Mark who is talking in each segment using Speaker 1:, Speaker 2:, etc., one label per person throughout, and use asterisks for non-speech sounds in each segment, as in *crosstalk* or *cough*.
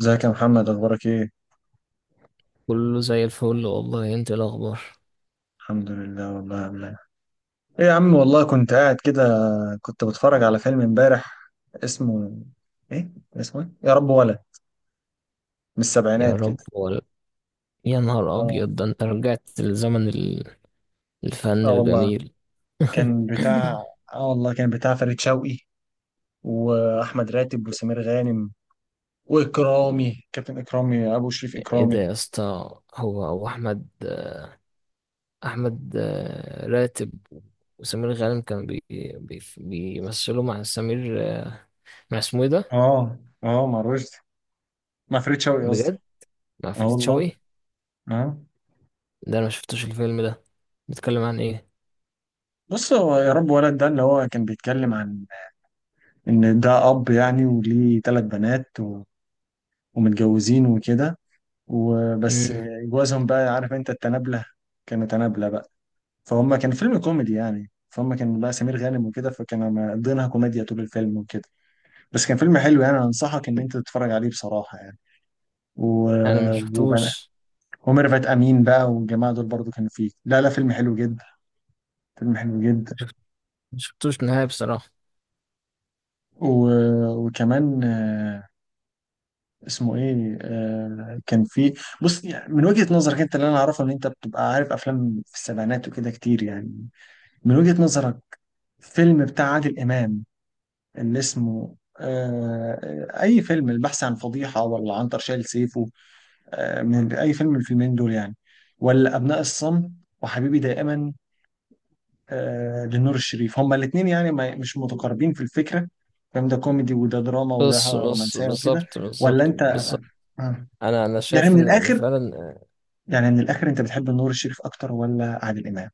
Speaker 1: ازيك يا محمد؟ اخبارك ايه؟
Speaker 2: كله زي الفل والله، انت ايه الاخبار؟
Speaker 1: الحمد لله والله يا عم. ايه يا عم والله، كنت قاعد كده، كنت بتفرج على فيلم امبارح. اسمه، ايه اسمه؟ ايه يا رب ولا؟ من
Speaker 2: يا
Speaker 1: السبعينات
Speaker 2: رب
Speaker 1: كده.
Speaker 2: ولا. يا نهار
Speaker 1: اه
Speaker 2: ابيض! ده انت رجعت لزمن الفن
Speaker 1: اه والله
Speaker 2: الجميل.
Speaker 1: كان
Speaker 2: *laughs*
Speaker 1: بتاع، اه والله كان بتاع فريد شوقي واحمد راتب وسمير غانم واكرامي، كابتن اكرامي ابو شريف
Speaker 2: ايه ده
Speaker 1: اكرامي.
Speaker 2: يا اسطى؟ هو احمد، احمد راتب، وسمير غانم. كان بي بي بيمثلوا مع سمير، مع اسمه ايه ده؟
Speaker 1: اه. اه، مع رشدي، مع فريد شوقي قصدي.
Speaker 2: بجد، مع
Speaker 1: اه
Speaker 2: فريد
Speaker 1: والله.
Speaker 2: شوقي.
Speaker 1: اه.
Speaker 2: ده انا ما شفتوش الفيلم ده، بيتكلم عن ايه؟
Speaker 1: بص، هو يا رب ولد ده اللي هو كان بيتكلم عن ان ده اب يعني وليه ثلاث بنات ومتجوزين وكده، وبس.
Speaker 2: امم.
Speaker 1: جوازهم بقى، عارف انت التنابلة، كانوا تنابلة بقى. فهم كان فيلم كوميدي يعني، فهم كان بقى سمير غانم وكده، فكانوا مقضينها كوميديا طول الفيلم وكده. بس كان فيلم حلو يعني، انا انصحك ان انت تتفرج عليه بصراحة يعني. و...
Speaker 2: انا ما
Speaker 1: وبقى،
Speaker 2: شفتوش،
Speaker 1: وميرفت امين بقى والجماعة دول برضو كانوا فيه. لا لا، فيلم حلو جدا. فيلم حلو جدا.
Speaker 2: نهائي بصراحة.
Speaker 1: و... وكمان. اسمه ايه؟ كان في، بص يعني من وجهة نظرك انت، اللي انا اعرفه ان انت بتبقى عارف افلام في السبعينات وكده كتير يعني. من وجهة نظرك، فيلم بتاع عادل امام اللي اسمه اي فيلم، البحث عن فضيحة ولا عنتر شايل سيفه؟ من اي فيلم من الفيلمين دول يعني؟ ولا ابناء الصمت وحبيبي دائما؟ لنور الشريف. هما الاثنين يعني ما مش متقاربين في الفكرة، فاهم؟ ده كوميدي وده دراما وده
Speaker 2: بس بس،
Speaker 1: رومانسية وكده.
Speaker 2: بالظبط
Speaker 1: ولا
Speaker 2: بالظبط
Speaker 1: انت،
Speaker 2: بالظبط.
Speaker 1: آه.
Speaker 2: انا
Speaker 1: يعني
Speaker 2: شايف
Speaker 1: من
Speaker 2: ان
Speaker 1: الاخر،
Speaker 2: فعلا.
Speaker 1: يعني من الاخر انت بتحب نور الشريف اكتر ولا عادل امام؟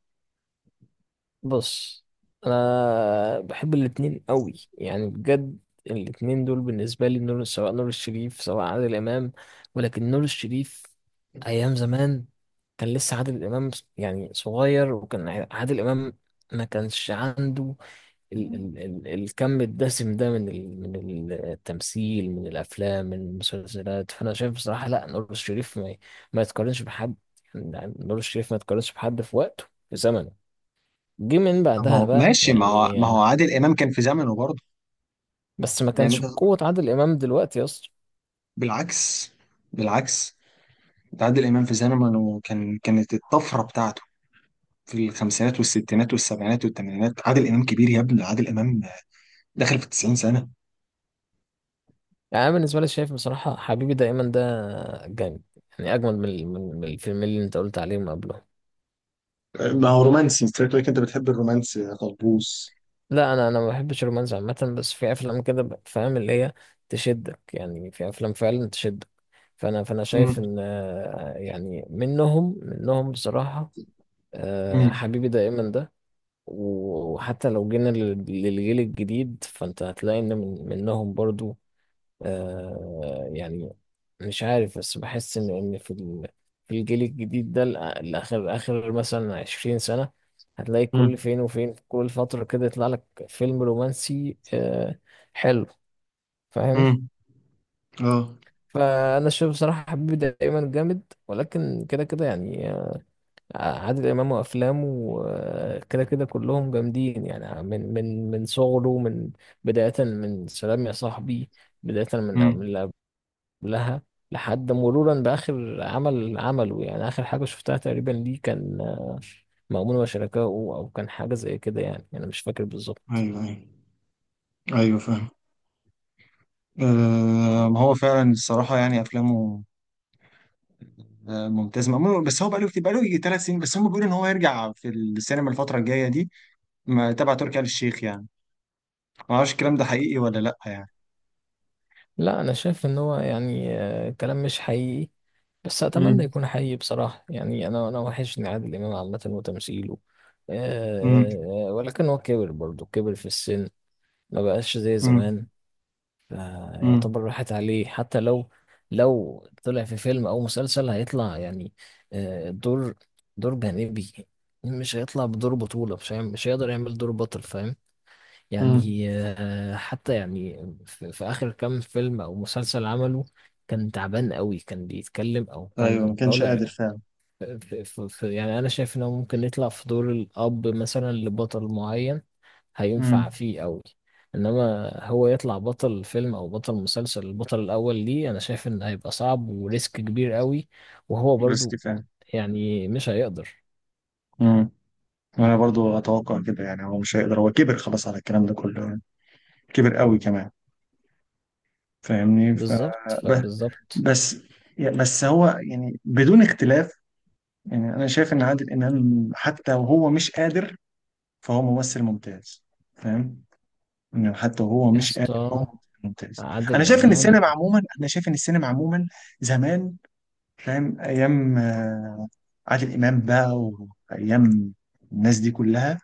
Speaker 2: بص، انا بحب الاتنين قوي يعني، بجد. الاتنين دول بالنسبه لي نور، سواء نور الشريف سواء عادل امام. ولكن نور الشريف، ايام زمان كان لسه عادل امام يعني صغير، وكان عادل امام ما كانش عنده ال ال ال الكم الدسم ده، من التمثيل، من الافلام، من المسلسلات. فانا شايف بصراحه لا، نور الشريف ما يتقارنش بحد. يعني نور الشريف ما يتقارنش بحد في وقته، في زمنه. جه من
Speaker 1: ما
Speaker 2: بعدها
Speaker 1: هو
Speaker 2: بقى
Speaker 1: ماشي، ما هو
Speaker 2: يعني.
Speaker 1: ما هو عادل امام كان في زمنه برضه.
Speaker 2: بس ما
Speaker 1: يعني
Speaker 2: كانش
Speaker 1: انت،
Speaker 2: بقوة عادل إمام دلوقتي يا اسطى.
Speaker 1: بالعكس، بالعكس، ده عادل امام في زمنه كان، كانت الطفره بتاعته في الخمسينات والستينات والسبعينات والثمانينات. عادل امام كبير يا ابني، عادل امام داخل في 90 سنه.
Speaker 2: يعني أنا بالنسبة لي شايف بصراحة حبيبي دايما ده جامد، يعني أجمد من الفيلمين اللي أنت قلت عليهم قبلهم.
Speaker 1: ما هو رومانسي، انت شكلك لك انت بتحب الرومانسي يا طلبوس.
Speaker 2: لا، أنا ما بحبش الرومانس عامة، بس في أفلام كده، فاهم اللي هي تشدك، يعني في أفلام فعلا تشدك. فأنا شايف
Speaker 1: امم.
Speaker 2: إن، يعني منهم، منهم بصراحة،
Speaker 1: امم.
Speaker 2: حبيبي دايما ده. وحتى لو جينا للجيل الجديد، فأنت هتلاقي إن من منهم برضو، يعني. مش عارف، بس بحس إن في في الجيل الجديد ده، الأ- الآخر آخر مثلا 20 سنة هتلاقي كل
Speaker 1: مم.
Speaker 2: فين وفين، كل فترة كده يطلع لك فيلم رومانسي حلو، فاهم.
Speaker 1: امم. اه.
Speaker 2: فأنا شايف بصراحة حبيبي دايما جامد، ولكن كده كده يعني. عادل إمام وأفلامه، كده كده كلهم جامدين. يعني من صغره، بداية من سلام يا صاحبي، بداية من
Speaker 1: امم.
Speaker 2: من لها، لحد مرورا بآخر عمل عمله. يعني آخر حاجة شفتها تقريبا ليه كان مأمون وشركائه، أو كان حاجة زي كده. يعني أنا مش فاكر بالظبط.
Speaker 1: ايوه، ايوه، ايوه، فاهم. آه، ما هو فعلا الصراحه يعني افلامه، ممتاز. مأمون بس هو بقاله كتير، بقاله يجي ثلاث سنين، بس هم بيقولوا ان هو يرجع في السينما الفترة الجاية دي، تبع تركي آل الشيخ يعني. ما اعرفش الكلام ده حقيقي ولا لا يعني.
Speaker 2: لا، أنا شايف إن هو يعني، كلام مش حقيقي، بس أتمنى
Speaker 1: امم.
Speaker 2: يكون حقيقي بصراحة. يعني أنا وحشني عادل إمام عامة، وتمثيله.
Speaker 1: امم.
Speaker 2: ولكن هو كبر برضه، كبر في السن، ما بقاش زي
Speaker 1: امم.
Speaker 2: زمان. يعني يعتبر
Speaker 1: امم.
Speaker 2: راحت عليه. حتى لو طلع في فيلم او مسلسل، هيطلع يعني آه، دور دور جانبي. مش هيطلع بدور بطولة، مش هيقدر يعمل دور بطل، فاهم
Speaker 1: امم.
Speaker 2: يعني. حتى يعني في آخر كام فيلم او مسلسل عمله كان تعبان قوي، كان بيتكلم او
Speaker 1: ايوه، ما
Speaker 2: كان
Speaker 1: كانش قادر
Speaker 2: طالع
Speaker 1: فعلا.
Speaker 2: في, في, في يعني. انا شايف انه ممكن يطلع في دور الاب مثلا لبطل معين، هينفع
Speaker 1: امم.
Speaker 2: فيه قوي. انما هو يطلع بطل فيلم او بطل مسلسل، البطل الاول ليه، انا شايف ان هيبقى صعب وريسك كبير قوي، وهو
Speaker 1: بس
Speaker 2: برضو
Speaker 1: كفايه.
Speaker 2: يعني مش هيقدر.
Speaker 1: امم. انا برضو اتوقع كده، يعني هو مش هيقدر، هو كبر خلاص على الكلام ده كله يعني. كبر قوي كمان. فاهمني؟
Speaker 2: بالظبط،
Speaker 1: ب-
Speaker 2: فبالظبط.
Speaker 1: بس. بس هو يعني بدون اختلاف، يعني انا شايف ان عادل امام حتى وهو مش قادر فهو ممثل ممتاز. فاهم؟ انه حتى وهو
Speaker 2: يا
Speaker 1: مش قادر هو
Speaker 2: اسطى،
Speaker 1: ممثل ممتاز. انا
Speaker 2: عادل
Speaker 1: شايف ان
Speaker 2: امام
Speaker 1: السينما عموما، انا شايف ان السينما عموما زمان، فاهم؟ ايام عادل امام بقى، وايام الناس دي كلها،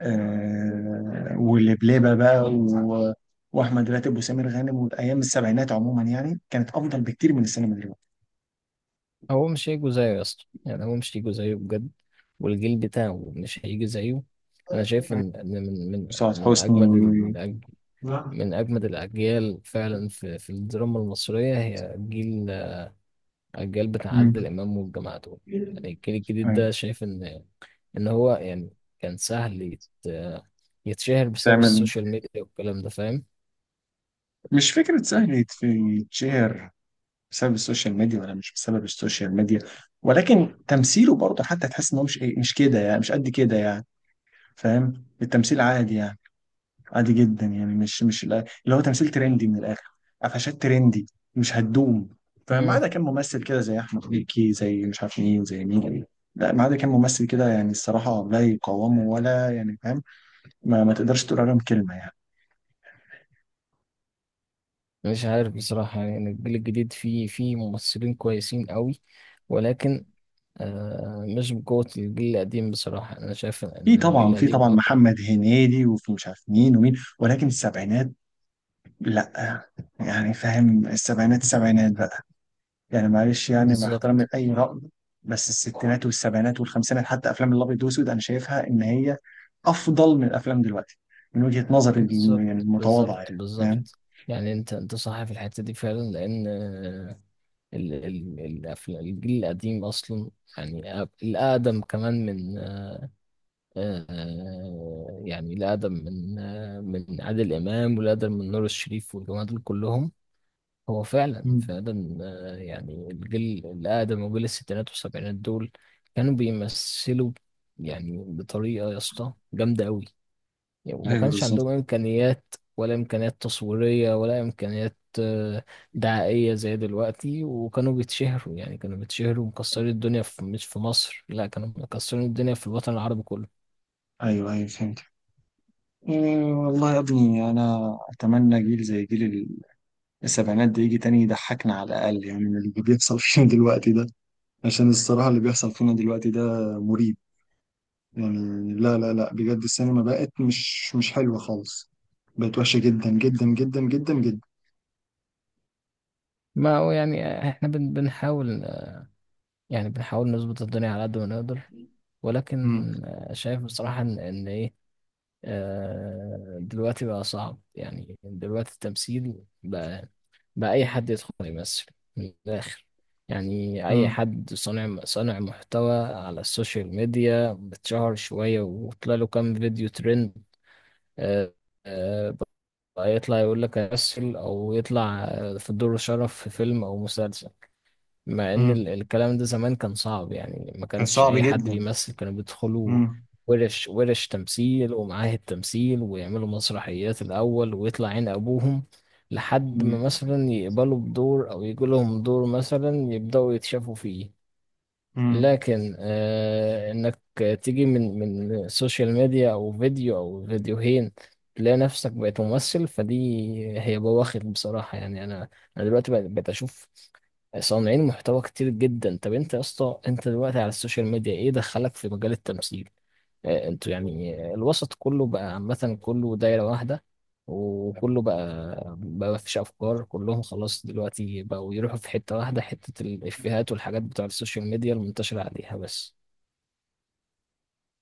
Speaker 1: آه، واللبلبه بقى واحمد راتب وسمير غانم، والايام السبعينات عموما يعني كانت افضل بكتير من السينما دلوقتي.
Speaker 2: هو مش هيجوا زيه يا اسطى، يعني هو مش هيجوا زيه بجد، والجيل بتاعه مش هيجي زيه. انا شايف إن من من
Speaker 1: وسعاد
Speaker 2: من
Speaker 1: حسني
Speaker 2: من اجمد الاجيال فعلا في الدراما المصريه، هي جيل، الجيل بتاع عادل
Speaker 1: مم.
Speaker 2: امام والجماعه دول. يعني الجيل الجديد
Speaker 1: أيوة.
Speaker 2: ده شايف ان هو يعني كان سهل يتشهر بسبب
Speaker 1: تعمل،
Speaker 2: السوشيال ميديا والكلام ده، فاهم.
Speaker 1: مش فكرة سهل يتشهر بسبب السوشيال ميديا ولا مش بسبب السوشيال ميديا، ولكن تمثيله برضه حتى تحس ان هو مش ايه، مش كده يعني، مش قد كده يعني. فاهم؟ التمثيل عادي يعني، عادي جدا يعني، مش اللي هو تمثيل ترندي من الاخر، قفشات ترندي مش هتدوم. فما
Speaker 2: مم.
Speaker 1: عدا كان ممثل كده زي احمد مكي، زي مش عارف مين، زي مين. لا، ما عدا كان ممثل كده يعني، الصراحه لا يقاومه ولا يعني. فاهم؟ ما تقدرش تقول عليهم كلمه يعني.
Speaker 2: مش عارف بصراحه، يعني الجيل الجديد فيه ممثلين كويسين قوي، ولكن مش بقوه الجيل القديم بصراحه. انا شايف
Speaker 1: في
Speaker 2: ان الجيل
Speaker 1: طبعا، في
Speaker 2: القديم
Speaker 1: طبعا
Speaker 2: اقوى.
Speaker 1: محمد هنيدي وفي مش عارف مين ومين، ولكن السبعينات لا. يعني فاهم؟ السبعينات، السبعينات بقى، يعني معلش يعني، مع احترامي
Speaker 2: بالظبط
Speaker 1: لأي رأي، بس الستينات والسبعينات والخمسينات حتى أفلام الأبيض والأسود، أنا شايفها إن هي أفضل من الأفلام دلوقتي، من وجهة نظري يعني
Speaker 2: بالظبط بالظبط
Speaker 1: المتواضعة يعني، فاهم؟
Speaker 2: بالظبط. يعني انت صح في الحته دي فعلا، لان ال ال الأفلام الجيل القديم أصلا، يعني الأقدم كمان، من يعني الأقدم من، من عادل إمام، والأقدم من نور الشريف والجماعة دول كلهم، هو فعلا
Speaker 1: مم.
Speaker 2: فعلا، يعني الجيل الأقدم وجيل الستينات والسبعينات دول كانوا بيمثلوا يعني بطريقة يا اسطى جامدة أوي. يعني وما
Speaker 1: ايوه،
Speaker 2: كانش
Speaker 1: بالظبط.
Speaker 2: عندهم إمكانيات، ولا إمكانيات تصويرية، ولا إمكانيات دعائية زي دلوقتي، وكانوا بيتشهروا، يعني كانوا بيتشهروا مكسرين الدنيا في، مش في مصر لا، كانوا مكسرين الدنيا في الوطن العربي كله.
Speaker 1: أيوه، أيوه، فهمت. إيه والله يا ابني، أنا أتمنى جيل زي جيل ال-، السبعينات ده يجي تاني يضحكنا على الأقل يعني من اللي بيحصل *laughs* فينا دلوقتي ده. عشان الصراحة اللي بيحصل فينا دلوقتي ده مريب يعني. لا لا لا، بجد السينما بقت مش، مش حلوة خالص، بقت وحشة جدا جدا جدا جدا جدا.
Speaker 2: ما هو يعني احنا بنحاول، يعني بنحاول نظبط الدنيا على قد ما نقدر. ولكن
Speaker 1: مم.
Speaker 2: شايف بصراحة إن إيه، دلوقتي بقى صعب يعني. دلوقتي التمثيل بقى، اي حد يدخل يمثل، من الاخر. يعني اي
Speaker 1: مم.
Speaker 2: حد صانع محتوى على السوشيال ميديا، بتشهر شويه وطلع له كام فيديو ترند، آه، آه، بقى يطلع يقول لك امثل، او يطلع في دور شرف في فيلم او مسلسل. مع ان
Speaker 1: مم.
Speaker 2: الكلام ده زمان كان صعب يعني، ما
Speaker 1: كان
Speaker 2: كانش
Speaker 1: صعب
Speaker 2: اي حد
Speaker 1: جدا.
Speaker 2: بيمثل. كانوا بيدخلوا
Speaker 1: مم.
Speaker 2: ورش ورش تمثيل ومعاهد تمثيل، ويعملوا مسرحيات الاول، ويطلع عين ابوهم لحد ما
Speaker 1: مم.
Speaker 2: مثلا يقبلوا بدور او يجي لهم دور، مثلا يبداوا يتشافوا فيه.
Speaker 1: مم.
Speaker 2: لكن انك تيجي من سوشيال ميديا او فيديو او فيديوهين، تلاقي نفسك بقيت ممثل، فدي هي بواخر بصراحة. يعني انا دلوقتي بقيت اشوف صانعين محتوى كتير جدا. طب انت يا اسطى، انت دلوقتي على السوشيال ميديا، ايه دخلك في مجال التمثيل؟ انتوا يعني، الوسط كله بقى عامة، كله دايرة واحدة، وكله بقى مفيش أفكار. كلهم خلاص دلوقتي بقوا يروحوا في حتة واحدة، حتة الإفيهات والحاجات بتوع السوشيال ميديا المنتشرة عليها بس.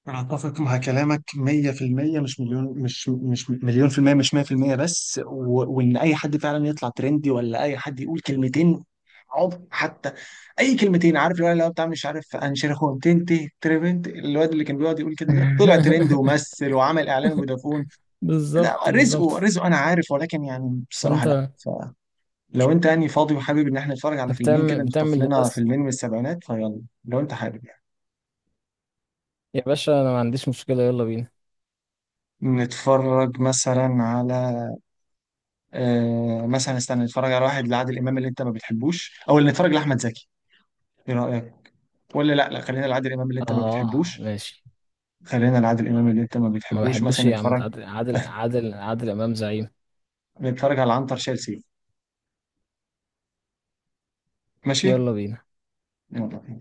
Speaker 1: أنا أتفق مع كلامك 100%، مش مليون، مش مليون في المية، مش 100% بس، وإن أي حد فعلا يطلع ترندي ولا أي حد يقول كلمتين، عض حتى، أي كلمتين. عارف الولد اللي هو بتاع مش عارف أنشر، هو تنتي تريفنت، الواد اللي كان بيقعد يقول كده، ده طلع ترند
Speaker 2: *laughs*
Speaker 1: ومثل وعمل إعلان فودافون. لا،
Speaker 2: بالظبط
Speaker 1: رزقه
Speaker 2: بالظبط.
Speaker 1: رزقه انا عارف، ولكن يعني بصراحه لا.
Speaker 2: فانت،
Speaker 1: فلو انت يعني فاضي وحابب ان احنا نتفرج على فيلمين كده، نخطف
Speaker 2: بتعمل
Speaker 1: لنا
Speaker 2: للناس.
Speaker 1: فيلمين من السبعينات، فيلا لو انت حابب يعني.
Speaker 2: يا باشا انا ما عنديش مشكلة، يلا بينا.
Speaker 1: نتفرج مثلا على، مثلا استنى، نتفرج على واحد لعادل امام اللي انت ما بتحبوش، او اللي نتفرج لاحمد زكي. ايه رايك؟ ولا لا لا، خلينا لعادل امام اللي انت ما
Speaker 2: آه،
Speaker 1: بتحبوش.
Speaker 2: ماشي.
Speaker 1: خلينا لعادل امام اللي انت ما
Speaker 2: ما
Speaker 1: بتحبوش،
Speaker 2: بحبوش
Speaker 1: مثلا
Speaker 2: يا عم،
Speaker 1: نتفرج،
Speaker 2: عادل عادل عادل عادل إمام زعيم.
Speaker 1: نتفرج على عنتر شال سيف. ماشي،
Speaker 2: يلا بينا.
Speaker 1: يلا بينا.